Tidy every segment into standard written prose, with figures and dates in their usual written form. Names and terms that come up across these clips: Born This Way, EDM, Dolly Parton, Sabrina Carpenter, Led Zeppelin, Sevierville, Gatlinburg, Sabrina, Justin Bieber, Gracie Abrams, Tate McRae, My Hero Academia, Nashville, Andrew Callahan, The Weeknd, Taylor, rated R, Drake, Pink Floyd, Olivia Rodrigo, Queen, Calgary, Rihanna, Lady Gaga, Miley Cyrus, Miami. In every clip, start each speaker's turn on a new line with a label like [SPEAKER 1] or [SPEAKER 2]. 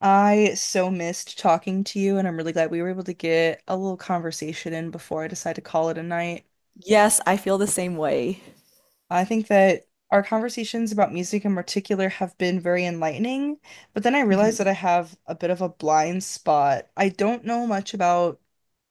[SPEAKER 1] I so missed talking to you, and I'm really glad we were able to get a little conversation in before I decide to call it a night.
[SPEAKER 2] Yes, I feel the same way.
[SPEAKER 1] I think that our conversations about music in particular have been very enlightening, but then I realized
[SPEAKER 2] Hmm
[SPEAKER 1] that I have a bit of a blind spot. I don't know much about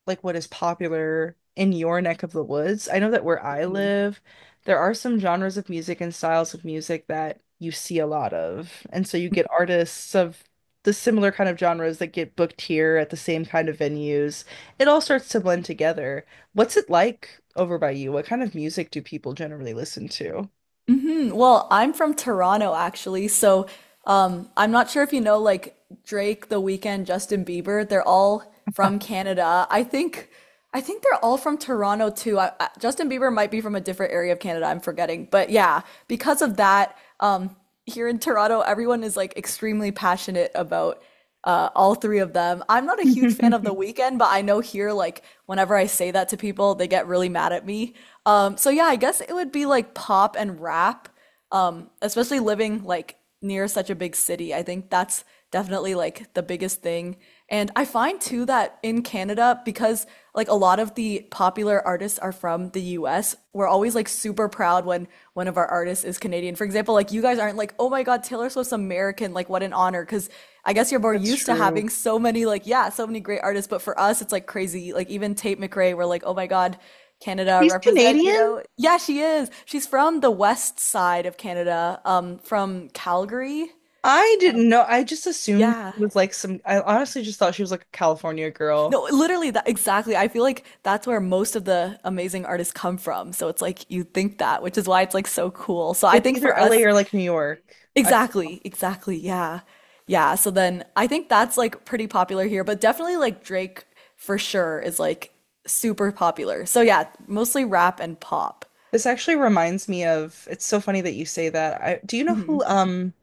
[SPEAKER 1] like what is popular in your neck of the woods. I know that where I
[SPEAKER 2] hmm
[SPEAKER 1] live, there are some genres of music and styles of music that you see a lot of. And so you get artists of the similar kind of genres that get booked here at the same kind of venues. It all starts to blend together. What's it like over by you? What kind of music do people generally listen to?
[SPEAKER 2] hmm. Well, I'm from Toronto actually, so I'm not sure if you know like Drake, The Weeknd, Justin Bieber. They're all from Canada. I think they're all from Toronto too. Justin Bieber might be from a different area of Canada. I'm forgetting, but yeah, because of that, here in Toronto, everyone is like extremely passionate about all three of them. I'm not a huge fan of The Weeknd, but I know here, like, whenever I say that to people, they get really mad at me. So yeah, I guess it would be like pop and rap, especially living like near such a big city. I think that's definitely like the biggest thing. And I find too that in Canada, because like a lot of the popular artists are from the US, we're always like super proud when one of our artists is Canadian. For example, like you guys aren't like, oh my God, Taylor Swift's American. Like, what an honor. Because I guess you're more
[SPEAKER 1] That's
[SPEAKER 2] used to
[SPEAKER 1] true.
[SPEAKER 2] having so many, like, yeah, so many great artists. But for us, it's like crazy. Like, even Tate McRae, we're like, oh my God, Canada
[SPEAKER 1] She's
[SPEAKER 2] represent,
[SPEAKER 1] Canadian?
[SPEAKER 2] Yeah, she is. She's from the west side of Canada, from Calgary.
[SPEAKER 1] I didn't know. I just assumed
[SPEAKER 2] Yeah.
[SPEAKER 1] it was like some, I honestly just thought she was like a California girl.
[SPEAKER 2] No, literally that exactly. I feel like that's where most of the amazing artists come from. So it's like you think that, which is why it's like so cool. So I
[SPEAKER 1] It's
[SPEAKER 2] think
[SPEAKER 1] either
[SPEAKER 2] for
[SPEAKER 1] LA
[SPEAKER 2] us,
[SPEAKER 1] or like New York. I,
[SPEAKER 2] exactly, exactly. Yeah. Yeah. So then I think that's like pretty popular here, but definitely like Drake for sure is like super popular. So yeah, mostly rap and pop.
[SPEAKER 1] this actually reminds me of, it's so funny that you say that. I, do you know
[SPEAKER 2] Hmm.
[SPEAKER 1] who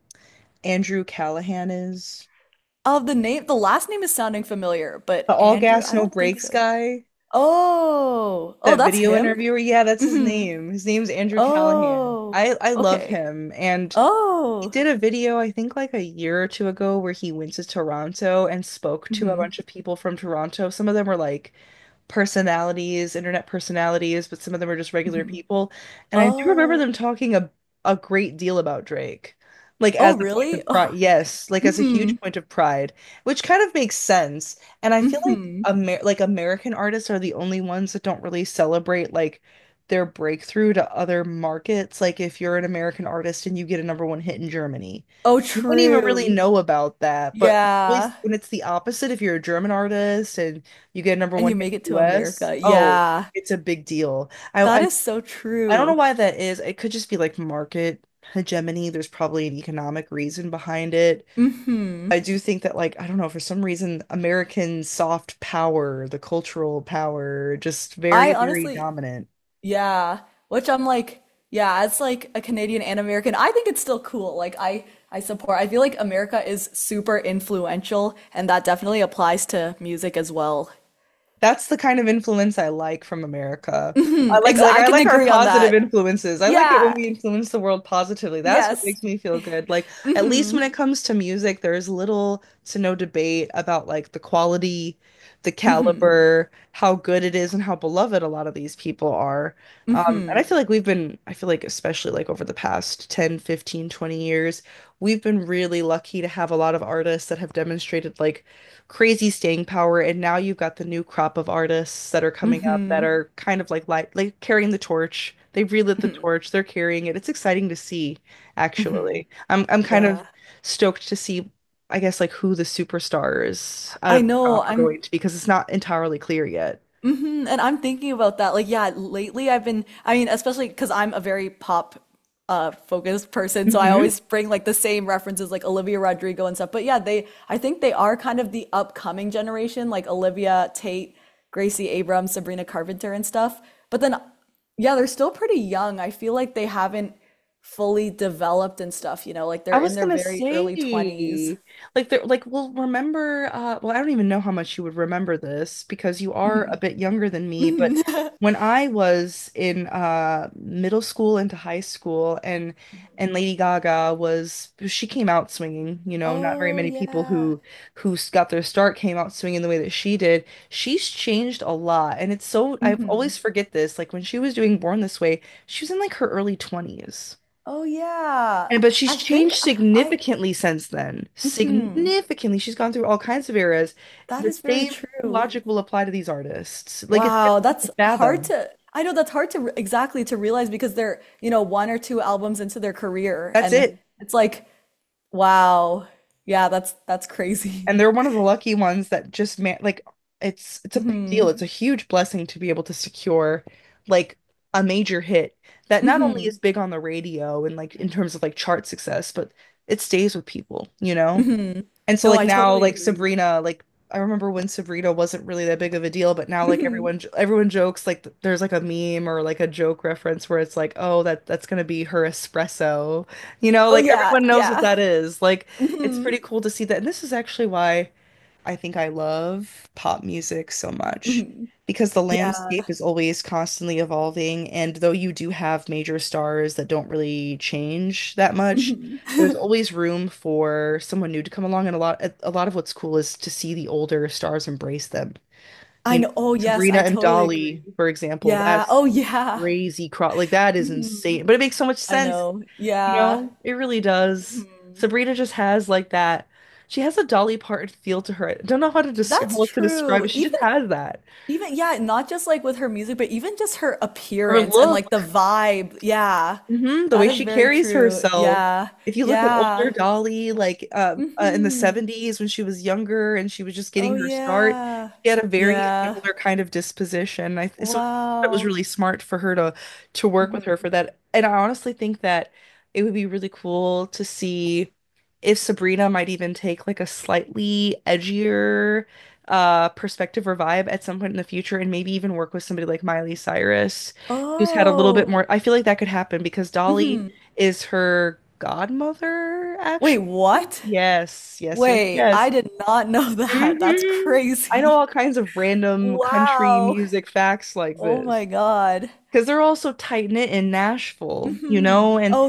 [SPEAKER 1] Andrew Callahan is?
[SPEAKER 2] Of the name, the last name is sounding familiar,
[SPEAKER 1] The
[SPEAKER 2] but
[SPEAKER 1] all
[SPEAKER 2] Andrew,
[SPEAKER 1] gas,
[SPEAKER 2] I
[SPEAKER 1] no
[SPEAKER 2] don't think
[SPEAKER 1] brakes
[SPEAKER 2] so.
[SPEAKER 1] guy?
[SPEAKER 2] Oh, oh,
[SPEAKER 1] That
[SPEAKER 2] that's
[SPEAKER 1] video
[SPEAKER 2] him?
[SPEAKER 1] interviewer? Yeah, that's his
[SPEAKER 2] Hmm.
[SPEAKER 1] name. His name's Andrew Callahan.
[SPEAKER 2] Oh,
[SPEAKER 1] I love
[SPEAKER 2] okay.
[SPEAKER 1] him and he
[SPEAKER 2] Oh,
[SPEAKER 1] did a video, I think like a year or two ago, where he went to Toronto and spoke to a
[SPEAKER 2] hmm
[SPEAKER 1] bunch of people from Toronto. Some of them were like personalities, internet personalities, but some of them were just regular
[SPEAKER 2] hmm.
[SPEAKER 1] people. And I do remember
[SPEAKER 2] Oh,
[SPEAKER 1] them talking a great deal about Drake, like as
[SPEAKER 2] oh,
[SPEAKER 1] a point
[SPEAKER 2] really?
[SPEAKER 1] of
[SPEAKER 2] Oh,
[SPEAKER 1] pride. Yes, like as a
[SPEAKER 2] hmm
[SPEAKER 1] huge point of pride, which kind of makes sense. And I feel like
[SPEAKER 2] hmm.
[SPEAKER 1] Amer like American artists are the only ones that don't really celebrate like their breakthrough to other markets. Like if you're an American artist and you get a number one hit in Germany,
[SPEAKER 2] Oh,
[SPEAKER 1] you wouldn't even really
[SPEAKER 2] true.
[SPEAKER 1] know about that. But it's
[SPEAKER 2] Yeah.
[SPEAKER 1] always when it's the opposite, if you're a German artist and you get a number
[SPEAKER 2] And
[SPEAKER 1] one
[SPEAKER 2] you
[SPEAKER 1] hit
[SPEAKER 2] make it
[SPEAKER 1] in the
[SPEAKER 2] to
[SPEAKER 1] US,
[SPEAKER 2] America.
[SPEAKER 1] oh,
[SPEAKER 2] Yeah,
[SPEAKER 1] it's a big deal. I,
[SPEAKER 2] that
[SPEAKER 1] I
[SPEAKER 2] is so
[SPEAKER 1] I don't know
[SPEAKER 2] true.
[SPEAKER 1] why that is. It could just be like market hegemony. There's probably an economic reason behind it.
[SPEAKER 2] Hmm.
[SPEAKER 1] I do think that like I don't know for some reason American soft power, the cultural power, just very
[SPEAKER 2] I
[SPEAKER 1] very
[SPEAKER 2] honestly,
[SPEAKER 1] dominant.
[SPEAKER 2] yeah, which I'm like, yeah, as like a Canadian and American, I think it's still cool. Like I support. I feel like America is super influential, and that definitely applies to music as well.
[SPEAKER 1] That's the kind of influence I like from America. I
[SPEAKER 2] Hmm.
[SPEAKER 1] like
[SPEAKER 2] Exa,
[SPEAKER 1] like
[SPEAKER 2] I
[SPEAKER 1] I
[SPEAKER 2] can
[SPEAKER 1] like our
[SPEAKER 2] agree on
[SPEAKER 1] positive
[SPEAKER 2] that.
[SPEAKER 1] influences. I like it when
[SPEAKER 2] Yeah.
[SPEAKER 1] we influence the world positively. That's what
[SPEAKER 2] Yes.
[SPEAKER 1] makes me feel good. Like at least when
[SPEAKER 2] Hmm
[SPEAKER 1] it comes to music, there's little to no debate about like the quality, the
[SPEAKER 2] hmm
[SPEAKER 1] caliber, how good it is, and how beloved a lot of these people are. And I
[SPEAKER 2] hmm
[SPEAKER 1] feel like I feel like especially like over the past 10, 15, 20 years, we've been really lucky to have a lot of artists that have demonstrated like crazy staying power. And now you've got the new crop of artists that are coming up that
[SPEAKER 2] hmm
[SPEAKER 1] are kind of like carrying the torch. They've relit the
[SPEAKER 2] hmm
[SPEAKER 1] torch. They're carrying it. It's exciting to see,
[SPEAKER 2] hmm.
[SPEAKER 1] actually. I'm kind of
[SPEAKER 2] Yeah.
[SPEAKER 1] stoked to see, I guess, like who the superstars out
[SPEAKER 2] I
[SPEAKER 1] of the
[SPEAKER 2] know.
[SPEAKER 1] crop are
[SPEAKER 2] I'm
[SPEAKER 1] going to be because it's not entirely clear yet.
[SPEAKER 2] hmm and I'm thinking about that. Like, yeah, lately I've been, I mean, especially because I'm a very pop focused person, so I always bring like the same references like Olivia Rodrigo and stuff. But yeah, they I think they are kind of the upcoming generation, like Olivia Tate, Gracie Abrams, Sabrina Carpenter and stuff. But then yeah, they're still pretty young. I feel like they haven't fully developed and stuff, like
[SPEAKER 1] I
[SPEAKER 2] they're in
[SPEAKER 1] was
[SPEAKER 2] their
[SPEAKER 1] gonna
[SPEAKER 2] very early 20s.
[SPEAKER 1] say, like, they're like, well, well, I don't even know how much you would remember this because you are a
[SPEAKER 2] Mhm.
[SPEAKER 1] bit younger than me, but when I was in middle school into high school and Lady Gaga was she came out swinging, you know, not very
[SPEAKER 2] Oh
[SPEAKER 1] many people
[SPEAKER 2] yeah.
[SPEAKER 1] who got their start came out swinging the way that she did. She's changed a lot, and it's so I
[SPEAKER 2] Hmm.
[SPEAKER 1] always forget this. Like when she was doing Born This Way, she was in like her early 20s.
[SPEAKER 2] Oh yeah.
[SPEAKER 1] And but she's
[SPEAKER 2] I think
[SPEAKER 1] changed
[SPEAKER 2] I, I
[SPEAKER 1] significantly since then.
[SPEAKER 2] mhm.
[SPEAKER 1] Significantly. She's gone through all kinds of eras.
[SPEAKER 2] That
[SPEAKER 1] The
[SPEAKER 2] is very
[SPEAKER 1] same
[SPEAKER 2] true.
[SPEAKER 1] logic will apply to these artists. Like it's
[SPEAKER 2] Wow,
[SPEAKER 1] difficult to
[SPEAKER 2] that's hard
[SPEAKER 1] fathom.
[SPEAKER 2] to, I know that's hard to exactly to realize because they're, one or two albums into their career
[SPEAKER 1] That's
[SPEAKER 2] and
[SPEAKER 1] it.
[SPEAKER 2] it's like, wow. Yeah, that's crazy.
[SPEAKER 1] And they're one of the lucky ones that just man like it's a big deal.
[SPEAKER 2] Mhm.
[SPEAKER 1] It's a huge blessing to be able to secure like a major hit that not only is
[SPEAKER 2] Mhm.
[SPEAKER 1] big on the radio and like in terms of like chart success, but it stays with people, you know?
[SPEAKER 2] Mhm.
[SPEAKER 1] And so
[SPEAKER 2] No,
[SPEAKER 1] like
[SPEAKER 2] I
[SPEAKER 1] now
[SPEAKER 2] totally
[SPEAKER 1] like
[SPEAKER 2] agree.
[SPEAKER 1] Sabrina like I remember when Sabrina wasn't really that big of a deal, but now like
[SPEAKER 2] Mhm.
[SPEAKER 1] everyone jokes like there's like a meme or like a joke reference where it's like, "Oh, that's going to be her espresso." You know,
[SPEAKER 2] Oh
[SPEAKER 1] like
[SPEAKER 2] yeah,
[SPEAKER 1] everyone knows what
[SPEAKER 2] yeah.
[SPEAKER 1] that is. Like it's pretty
[SPEAKER 2] Mhm.
[SPEAKER 1] cool to see that. And this is actually why I think I love pop music so much
[SPEAKER 2] Mhm.
[SPEAKER 1] because the landscape
[SPEAKER 2] Yeah.
[SPEAKER 1] is always constantly evolving. And though you do have major stars that don't really change that much,
[SPEAKER 2] Mhm.
[SPEAKER 1] there's always room for someone new to come along. And a lot of what's cool is to see the older stars embrace them.
[SPEAKER 2] I
[SPEAKER 1] You know,
[SPEAKER 2] know. Oh yes,
[SPEAKER 1] Sabrina
[SPEAKER 2] I
[SPEAKER 1] and
[SPEAKER 2] totally agree.
[SPEAKER 1] Dolly, for example,
[SPEAKER 2] Yeah.
[SPEAKER 1] that's
[SPEAKER 2] Oh yeah.
[SPEAKER 1] crazy. Cro Like that is
[SPEAKER 2] Mhm.
[SPEAKER 1] insane, but it makes so much
[SPEAKER 2] I
[SPEAKER 1] sense,
[SPEAKER 2] know.
[SPEAKER 1] you
[SPEAKER 2] Yeah.
[SPEAKER 1] know, it really does.
[SPEAKER 2] Mhm.
[SPEAKER 1] Sabrina just has like that. She has a Dolly Parton feel to her. I don't know how to describe
[SPEAKER 2] That's true.
[SPEAKER 1] it. She just
[SPEAKER 2] Even
[SPEAKER 1] has that.
[SPEAKER 2] even yeah, not just like with her music, but even just her
[SPEAKER 1] Her
[SPEAKER 2] appearance and like the
[SPEAKER 1] look,
[SPEAKER 2] vibe. Yeah.
[SPEAKER 1] the
[SPEAKER 2] That
[SPEAKER 1] way
[SPEAKER 2] is
[SPEAKER 1] she
[SPEAKER 2] very
[SPEAKER 1] carries
[SPEAKER 2] true.
[SPEAKER 1] herself.
[SPEAKER 2] Yeah.
[SPEAKER 1] If you look at
[SPEAKER 2] Yeah.
[SPEAKER 1] older Dolly, like in the
[SPEAKER 2] Hmm.
[SPEAKER 1] 70s when she was younger and she was just getting
[SPEAKER 2] Oh
[SPEAKER 1] her start,
[SPEAKER 2] yeah.
[SPEAKER 1] she had a very
[SPEAKER 2] Yeah.
[SPEAKER 1] similar kind of disposition. I th so It was
[SPEAKER 2] Wow.
[SPEAKER 1] really smart for her to work with her for
[SPEAKER 2] Hmm.
[SPEAKER 1] that. And I honestly think that it would be really cool to see if Sabrina might even take like a slightly edgier perspective or vibe at some point in the future and maybe even work with somebody like Miley Cyrus who's had a little
[SPEAKER 2] Oh.
[SPEAKER 1] bit more. I feel like that could happen because Dolly
[SPEAKER 2] Hmm.
[SPEAKER 1] is her godmother,
[SPEAKER 2] Wait,
[SPEAKER 1] actually.
[SPEAKER 2] what?
[SPEAKER 1] Yes, yes, yes,
[SPEAKER 2] Wait,
[SPEAKER 1] yes.
[SPEAKER 2] I did not know that. That's
[SPEAKER 1] hmm I know
[SPEAKER 2] crazy.
[SPEAKER 1] all kinds of random country
[SPEAKER 2] Wow.
[SPEAKER 1] music facts like
[SPEAKER 2] Oh
[SPEAKER 1] this
[SPEAKER 2] my God.
[SPEAKER 1] because they're all so tight knit in Nashville, you
[SPEAKER 2] Hmm.
[SPEAKER 1] know, and
[SPEAKER 2] Oh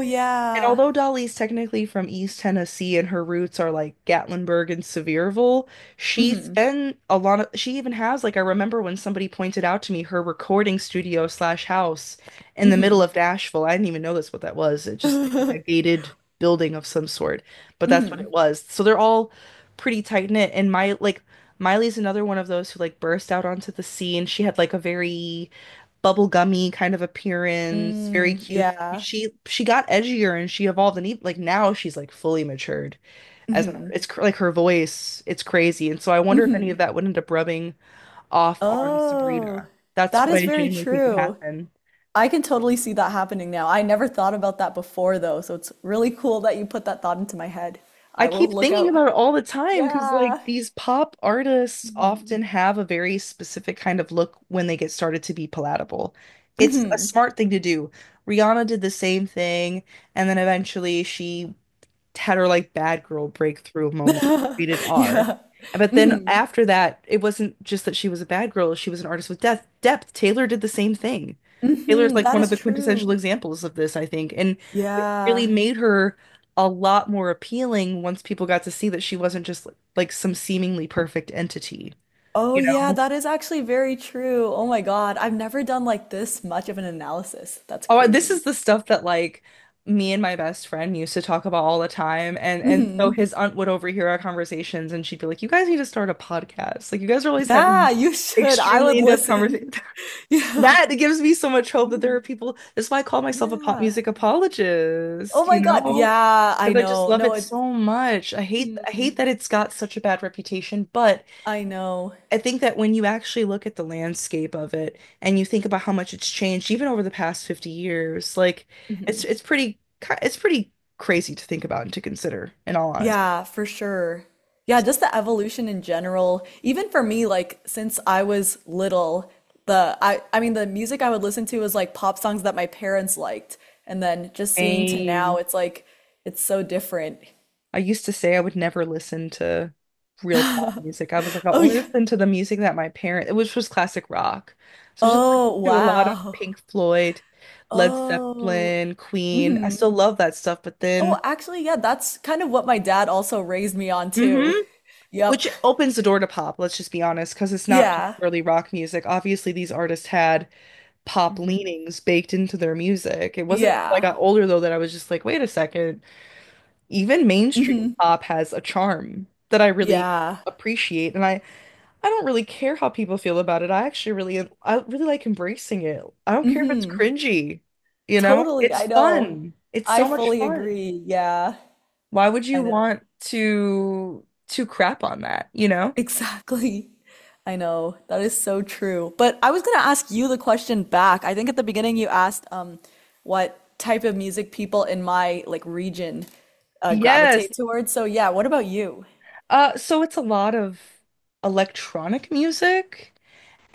[SPEAKER 2] yeah.
[SPEAKER 1] although Dolly's technically from East Tennessee and her roots are like Gatlinburg and Sevierville, she's
[SPEAKER 2] Hmm
[SPEAKER 1] been a lot of, she even has, like, I remember when somebody pointed out to me her recording studio slash house in the middle
[SPEAKER 2] hmm.
[SPEAKER 1] of Nashville. I didn't even know that's what that was. It just looked like a gated building of some sort, but that's what
[SPEAKER 2] Hmm.
[SPEAKER 1] it was. So they're all pretty tight knit. Miley's another one of those who like burst out onto the scene. She had like a very bubblegummy kind of appearance, very
[SPEAKER 2] Mm,
[SPEAKER 1] cute.
[SPEAKER 2] yeah.
[SPEAKER 1] She got edgier and she evolved and even, like now she's like fully matured as an
[SPEAKER 2] Hmm
[SPEAKER 1] artist. Like her voice, it's crazy. And so I wonder if any of
[SPEAKER 2] hmm.
[SPEAKER 1] that would end up rubbing off on
[SPEAKER 2] Oh,
[SPEAKER 1] Sabrina. That's
[SPEAKER 2] that
[SPEAKER 1] what
[SPEAKER 2] is
[SPEAKER 1] I
[SPEAKER 2] very
[SPEAKER 1] genuinely think could
[SPEAKER 2] true.
[SPEAKER 1] happen.
[SPEAKER 2] I can totally see that happening now. I never thought about that before though, so it's really cool that you put that thought into my head.
[SPEAKER 1] I
[SPEAKER 2] I will
[SPEAKER 1] keep
[SPEAKER 2] look
[SPEAKER 1] thinking
[SPEAKER 2] out.
[SPEAKER 1] about it all the time because like
[SPEAKER 2] Yeah.
[SPEAKER 1] these pop artists
[SPEAKER 2] Hmm
[SPEAKER 1] often have a very specific kind of look when they get started to be palatable. It's a
[SPEAKER 2] hmm.
[SPEAKER 1] smart thing to do. Rihanna did the same thing, and then eventually she had her like bad girl breakthrough moment, rated R.
[SPEAKER 2] Yeah.
[SPEAKER 1] But then
[SPEAKER 2] Hmm
[SPEAKER 1] after that, it wasn't just that she was a bad girl, she was an artist with depth. Taylor did the same thing. Taylor's
[SPEAKER 2] hmm.
[SPEAKER 1] like
[SPEAKER 2] That
[SPEAKER 1] one of
[SPEAKER 2] is
[SPEAKER 1] the quintessential
[SPEAKER 2] true.
[SPEAKER 1] examples of this, I think. And it really
[SPEAKER 2] Yeah.
[SPEAKER 1] made her a lot more appealing once people got to see that she wasn't just like some seemingly perfect entity,
[SPEAKER 2] Oh,
[SPEAKER 1] you
[SPEAKER 2] yeah,
[SPEAKER 1] know?
[SPEAKER 2] that is actually very true. Oh my God. I've never done like this much of an analysis. That's
[SPEAKER 1] Oh, this is
[SPEAKER 2] crazy.
[SPEAKER 1] the stuff that like me and my best friend used to talk about all the time. And so
[SPEAKER 2] Hmm.
[SPEAKER 1] his aunt would overhear our conversations and she'd be like, you guys need to start a podcast. Like you guys are always having these
[SPEAKER 2] Yeah, you should. I
[SPEAKER 1] extremely
[SPEAKER 2] would
[SPEAKER 1] in-depth
[SPEAKER 2] listen.
[SPEAKER 1] conversations.
[SPEAKER 2] Yeah.
[SPEAKER 1] That gives me so much hope that there are
[SPEAKER 2] Mhm.
[SPEAKER 1] people. That's why I call myself a pop
[SPEAKER 2] Yeah.
[SPEAKER 1] music
[SPEAKER 2] Oh
[SPEAKER 1] apologist, you
[SPEAKER 2] my God.
[SPEAKER 1] know?
[SPEAKER 2] Yeah, I
[SPEAKER 1] Because I just
[SPEAKER 2] know.
[SPEAKER 1] love
[SPEAKER 2] No,
[SPEAKER 1] it
[SPEAKER 2] it's.
[SPEAKER 1] so much. I hate
[SPEAKER 2] Mhm.
[SPEAKER 1] that it's got such a bad reputation, but
[SPEAKER 2] I know.
[SPEAKER 1] I think that when you actually look at the landscape of it and you think about how much it's changed even over the past 50 years, like it's
[SPEAKER 2] Mhm.
[SPEAKER 1] it's pretty it's pretty crazy to think about and to consider in all honesty.
[SPEAKER 2] Yeah, for sure. Yeah, just the evolution in general. Even for me, like since I was little, the I mean the music I would listen to was like pop songs that my parents liked. And then just seeing to now,
[SPEAKER 1] Same.
[SPEAKER 2] it's like it's so different.
[SPEAKER 1] I used to say I would never listen to real pop music. I was like, I'll
[SPEAKER 2] Oh
[SPEAKER 1] only
[SPEAKER 2] yeah.
[SPEAKER 1] listen to the music that my parents, which was classic rock. So just
[SPEAKER 2] Oh
[SPEAKER 1] to a lot of
[SPEAKER 2] wow.
[SPEAKER 1] Pink Floyd, Led
[SPEAKER 2] Oh.
[SPEAKER 1] Zeppelin, Queen. I
[SPEAKER 2] Hmm.
[SPEAKER 1] still love that stuff, but
[SPEAKER 2] Oh,
[SPEAKER 1] then
[SPEAKER 2] actually, yeah, that's kind of what my dad also raised me on
[SPEAKER 1] hmm
[SPEAKER 2] too. Yep.
[SPEAKER 1] which opens the door to pop, let's just be honest, because it's not just
[SPEAKER 2] Yeah.
[SPEAKER 1] purely rock music. Obviously, these artists had pop
[SPEAKER 2] Hmm.
[SPEAKER 1] leanings baked into their music. It wasn't until I
[SPEAKER 2] Yeah.
[SPEAKER 1] got older though that I was just like, wait a second, even mainstream
[SPEAKER 2] Hmm.
[SPEAKER 1] pop has a charm that I really
[SPEAKER 2] Yeah.
[SPEAKER 1] appreciate. And I don't really care how people feel about it. I really like embracing it. I don't care if it's
[SPEAKER 2] Hmm.
[SPEAKER 1] cringy, you know?
[SPEAKER 2] Totally,
[SPEAKER 1] It's
[SPEAKER 2] I know.
[SPEAKER 1] fun. It's
[SPEAKER 2] I
[SPEAKER 1] so much
[SPEAKER 2] fully
[SPEAKER 1] fun.
[SPEAKER 2] agree. Yeah,
[SPEAKER 1] Why would you
[SPEAKER 2] I know.
[SPEAKER 1] want to crap on that, you know?
[SPEAKER 2] Exactly. I know. That is so true. But I was going to ask you the question back. I think at the beginning you asked what type of music people in my like region
[SPEAKER 1] Yes.
[SPEAKER 2] gravitate towards. So yeah, what about you?
[SPEAKER 1] So it's a lot of electronic music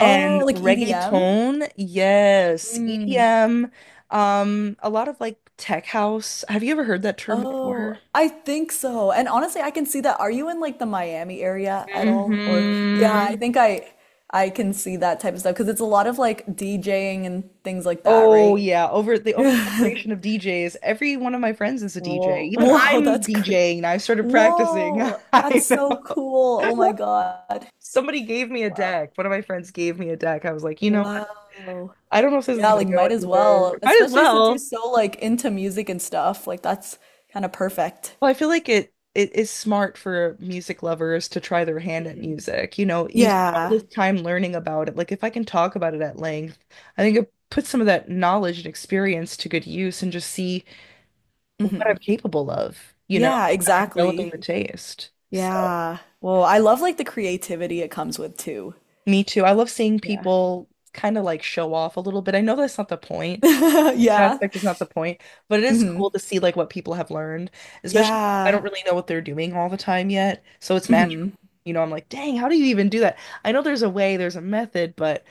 [SPEAKER 2] Oh, like EDM?
[SPEAKER 1] reggaeton. Yes, EDM. A lot of like tech house. Have you ever heard that term
[SPEAKER 2] Oh,
[SPEAKER 1] before?
[SPEAKER 2] I think so. And honestly, I can see that. Are you in like the Miami area at all? Or yeah, I
[SPEAKER 1] Hmm
[SPEAKER 2] think I can see that type of stuff because it's a lot of like DJing and things like that,
[SPEAKER 1] Oh
[SPEAKER 2] right?
[SPEAKER 1] yeah, over the oversaturation of DJs. Every one of my friends is a DJ.
[SPEAKER 2] Whoa.
[SPEAKER 1] Even
[SPEAKER 2] Whoa,
[SPEAKER 1] I'm
[SPEAKER 2] that's cr
[SPEAKER 1] DJing. I started practicing.
[SPEAKER 2] Whoa,
[SPEAKER 1] I
[SPEAKER 2] that's so cool. Oh my
[SPEAKER 1] know.
[SPEAKER 2] God.
[SPEAKER 1] Somebody gave me a
[SPEAKER 2] Wow.
[SPEAKER 1] deck. One of my friends gave me a deck. I was like, you know what?
[SPEAKER 2] Wow.
[SPEAKER 1] I don't know if this is
[SPEAKER 2] Yeah,
[SPEAKER 1] gonna
[SPEAKER 2] like
[SPEAKER 1] go
[SPEAKER 2] might as well,
[SPEAKER 1] anywhere. Might as
[SPEAKER 2] especially since you're
[SPEAKER 1] well.
[SPEAKER 2] so like into music and stuff. Like that's kind of perfect.
[SPEAKER 1] Well, I feel like it is smart for music lovers to try their hand at
[SPEAKER 2] Mhm.
[SPEAKER 1] music. You know, you spend all
[SPEAKER 2] Yeah.
[SPEAKER 1] this time learning about it. Like if I can talk about it at length, I think it puts some of that knowledge and experience to good use and just see what I'm
[SPEAKER 2] Hmm.
[SPEAKER 1] capable of, you know,
[SPEAKER 2] Yeah,
[SPEAKER 1] after developing
[SPEAKER 2] exactly.
[SPEAKER 1] the taste. So,
[SPEAKER 2] Yeah. Well, I love like the creativity it comes with too.
[SPEAKER 1] me too. I love seeing
[SPEAKER 2] Yeah.
[SPEAKER 1] people kind of like show off a little bit. I know that's not the point. That
[SPEAKER 2] Yeah.
[SPEAKER 1] aspect is not the point, but it is cool
[SPEAKER 2] Hmm.
[SPEAKER 1] to see like what people have learned, especially if I
[SPEAKER 2] Yeah.
[SPEAKER 1] don't really know what they're doing all the time yet. So it's magical.
[SPEAKER 2] Hmm
[SPEAKER 1] You know, I'm like, dang, how do you even do that? I know there's a way, there's a method, but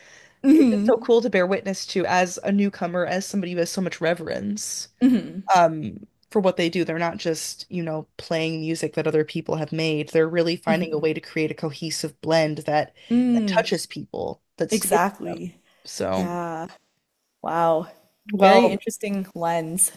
[SPEAKER 1] it's just
[SPEAKER 2] hmm
[SPEAKER 1] so cool to bear witness to as a newcomer, as somebody who has so much reverence,
[SPEAKER 2] hmm
[SPEAKER 1] for what they do. They're not just, you know, playing music that other people have made. They're really finding a
[SPEAKER 2] hmm.
[SPEAKER 1] way to create a cohesive blend that
[SPEAKER 2] Mm.
[SPEAKER 1] touches people, that stays with
[SPEAKER 2] Exactly.
[SPEAKER 1] them. So,
[SPEAKER 2] Yeah. Wow. Very
[SPEAKER 1] well,
[SPEAKER 2] interesting lens.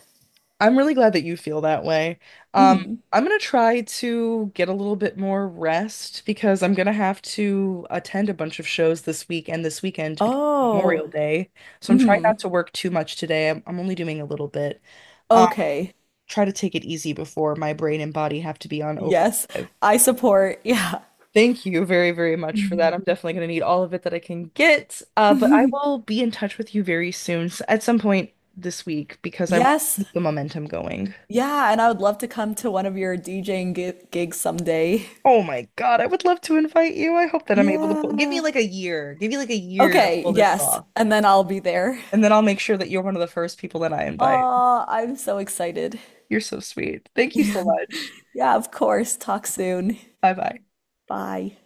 [SPEAKER 1] I'm really glad that you feel that way. Um,
[SPEAKER 2] Hmm.
[SPEAKER 1] I'm gonna try to get a little bit more rest because I'm gonna have to attend a bunch of shows this week and this weekend because it's Memorial
[SPEAKER 2] Oh.
[SPEAKER 1] Day. So I'm trying
[SPEAKER 2] Hmm.
[SPEAKER 1] not to work too much today. I'm only doing a little bit.
[SPEAKER 2] Okay.
[SPEAKER 1] Try to take it easy before my brain and body have to be on
[SPEAKER 2] Yes.
[SPEAKER 1] overdrive.
[SPEAKER 2] I support. Yeah.
[SPEAKER 1] Thank you very, very much for that. I'm definitely going to need all of it that I can get. But I will be in touch with you very soon, at some point this week, because I want to
[SPEAKER 2] Yes.
[SPEAKER 1] keep the momentum going.
[SPEAKER 2] Yeah. And I would love to come to one of your DJing gi gigs someday.
[SPEAKER 1] Oh my God, I would love to invite you. I hope that I'm able to pull. Give me
[SPEAKER 2] Yeah.
[SPEAKER 1] like a year. Give me like a year to
[SPEAKER 2] Okay.
[SPEAKER 1] pull this
[SPEAKER 2] Yes.
[SPEAKER 1] off.
[SPEAKER 2] And then I'll be there.
[SPEAKER 1] And then I'll make sure that you're one of the first people that I invite.
[SPEAKER 2] Oh, I'm so excited.
[SPEAKER 1] You're so sweet. Thank you so much.
[SPEAKER 2] Yeah, of course. Talk soon.
[SPEAKER 1] Bye bye.
[SPEAKER 2] Bye.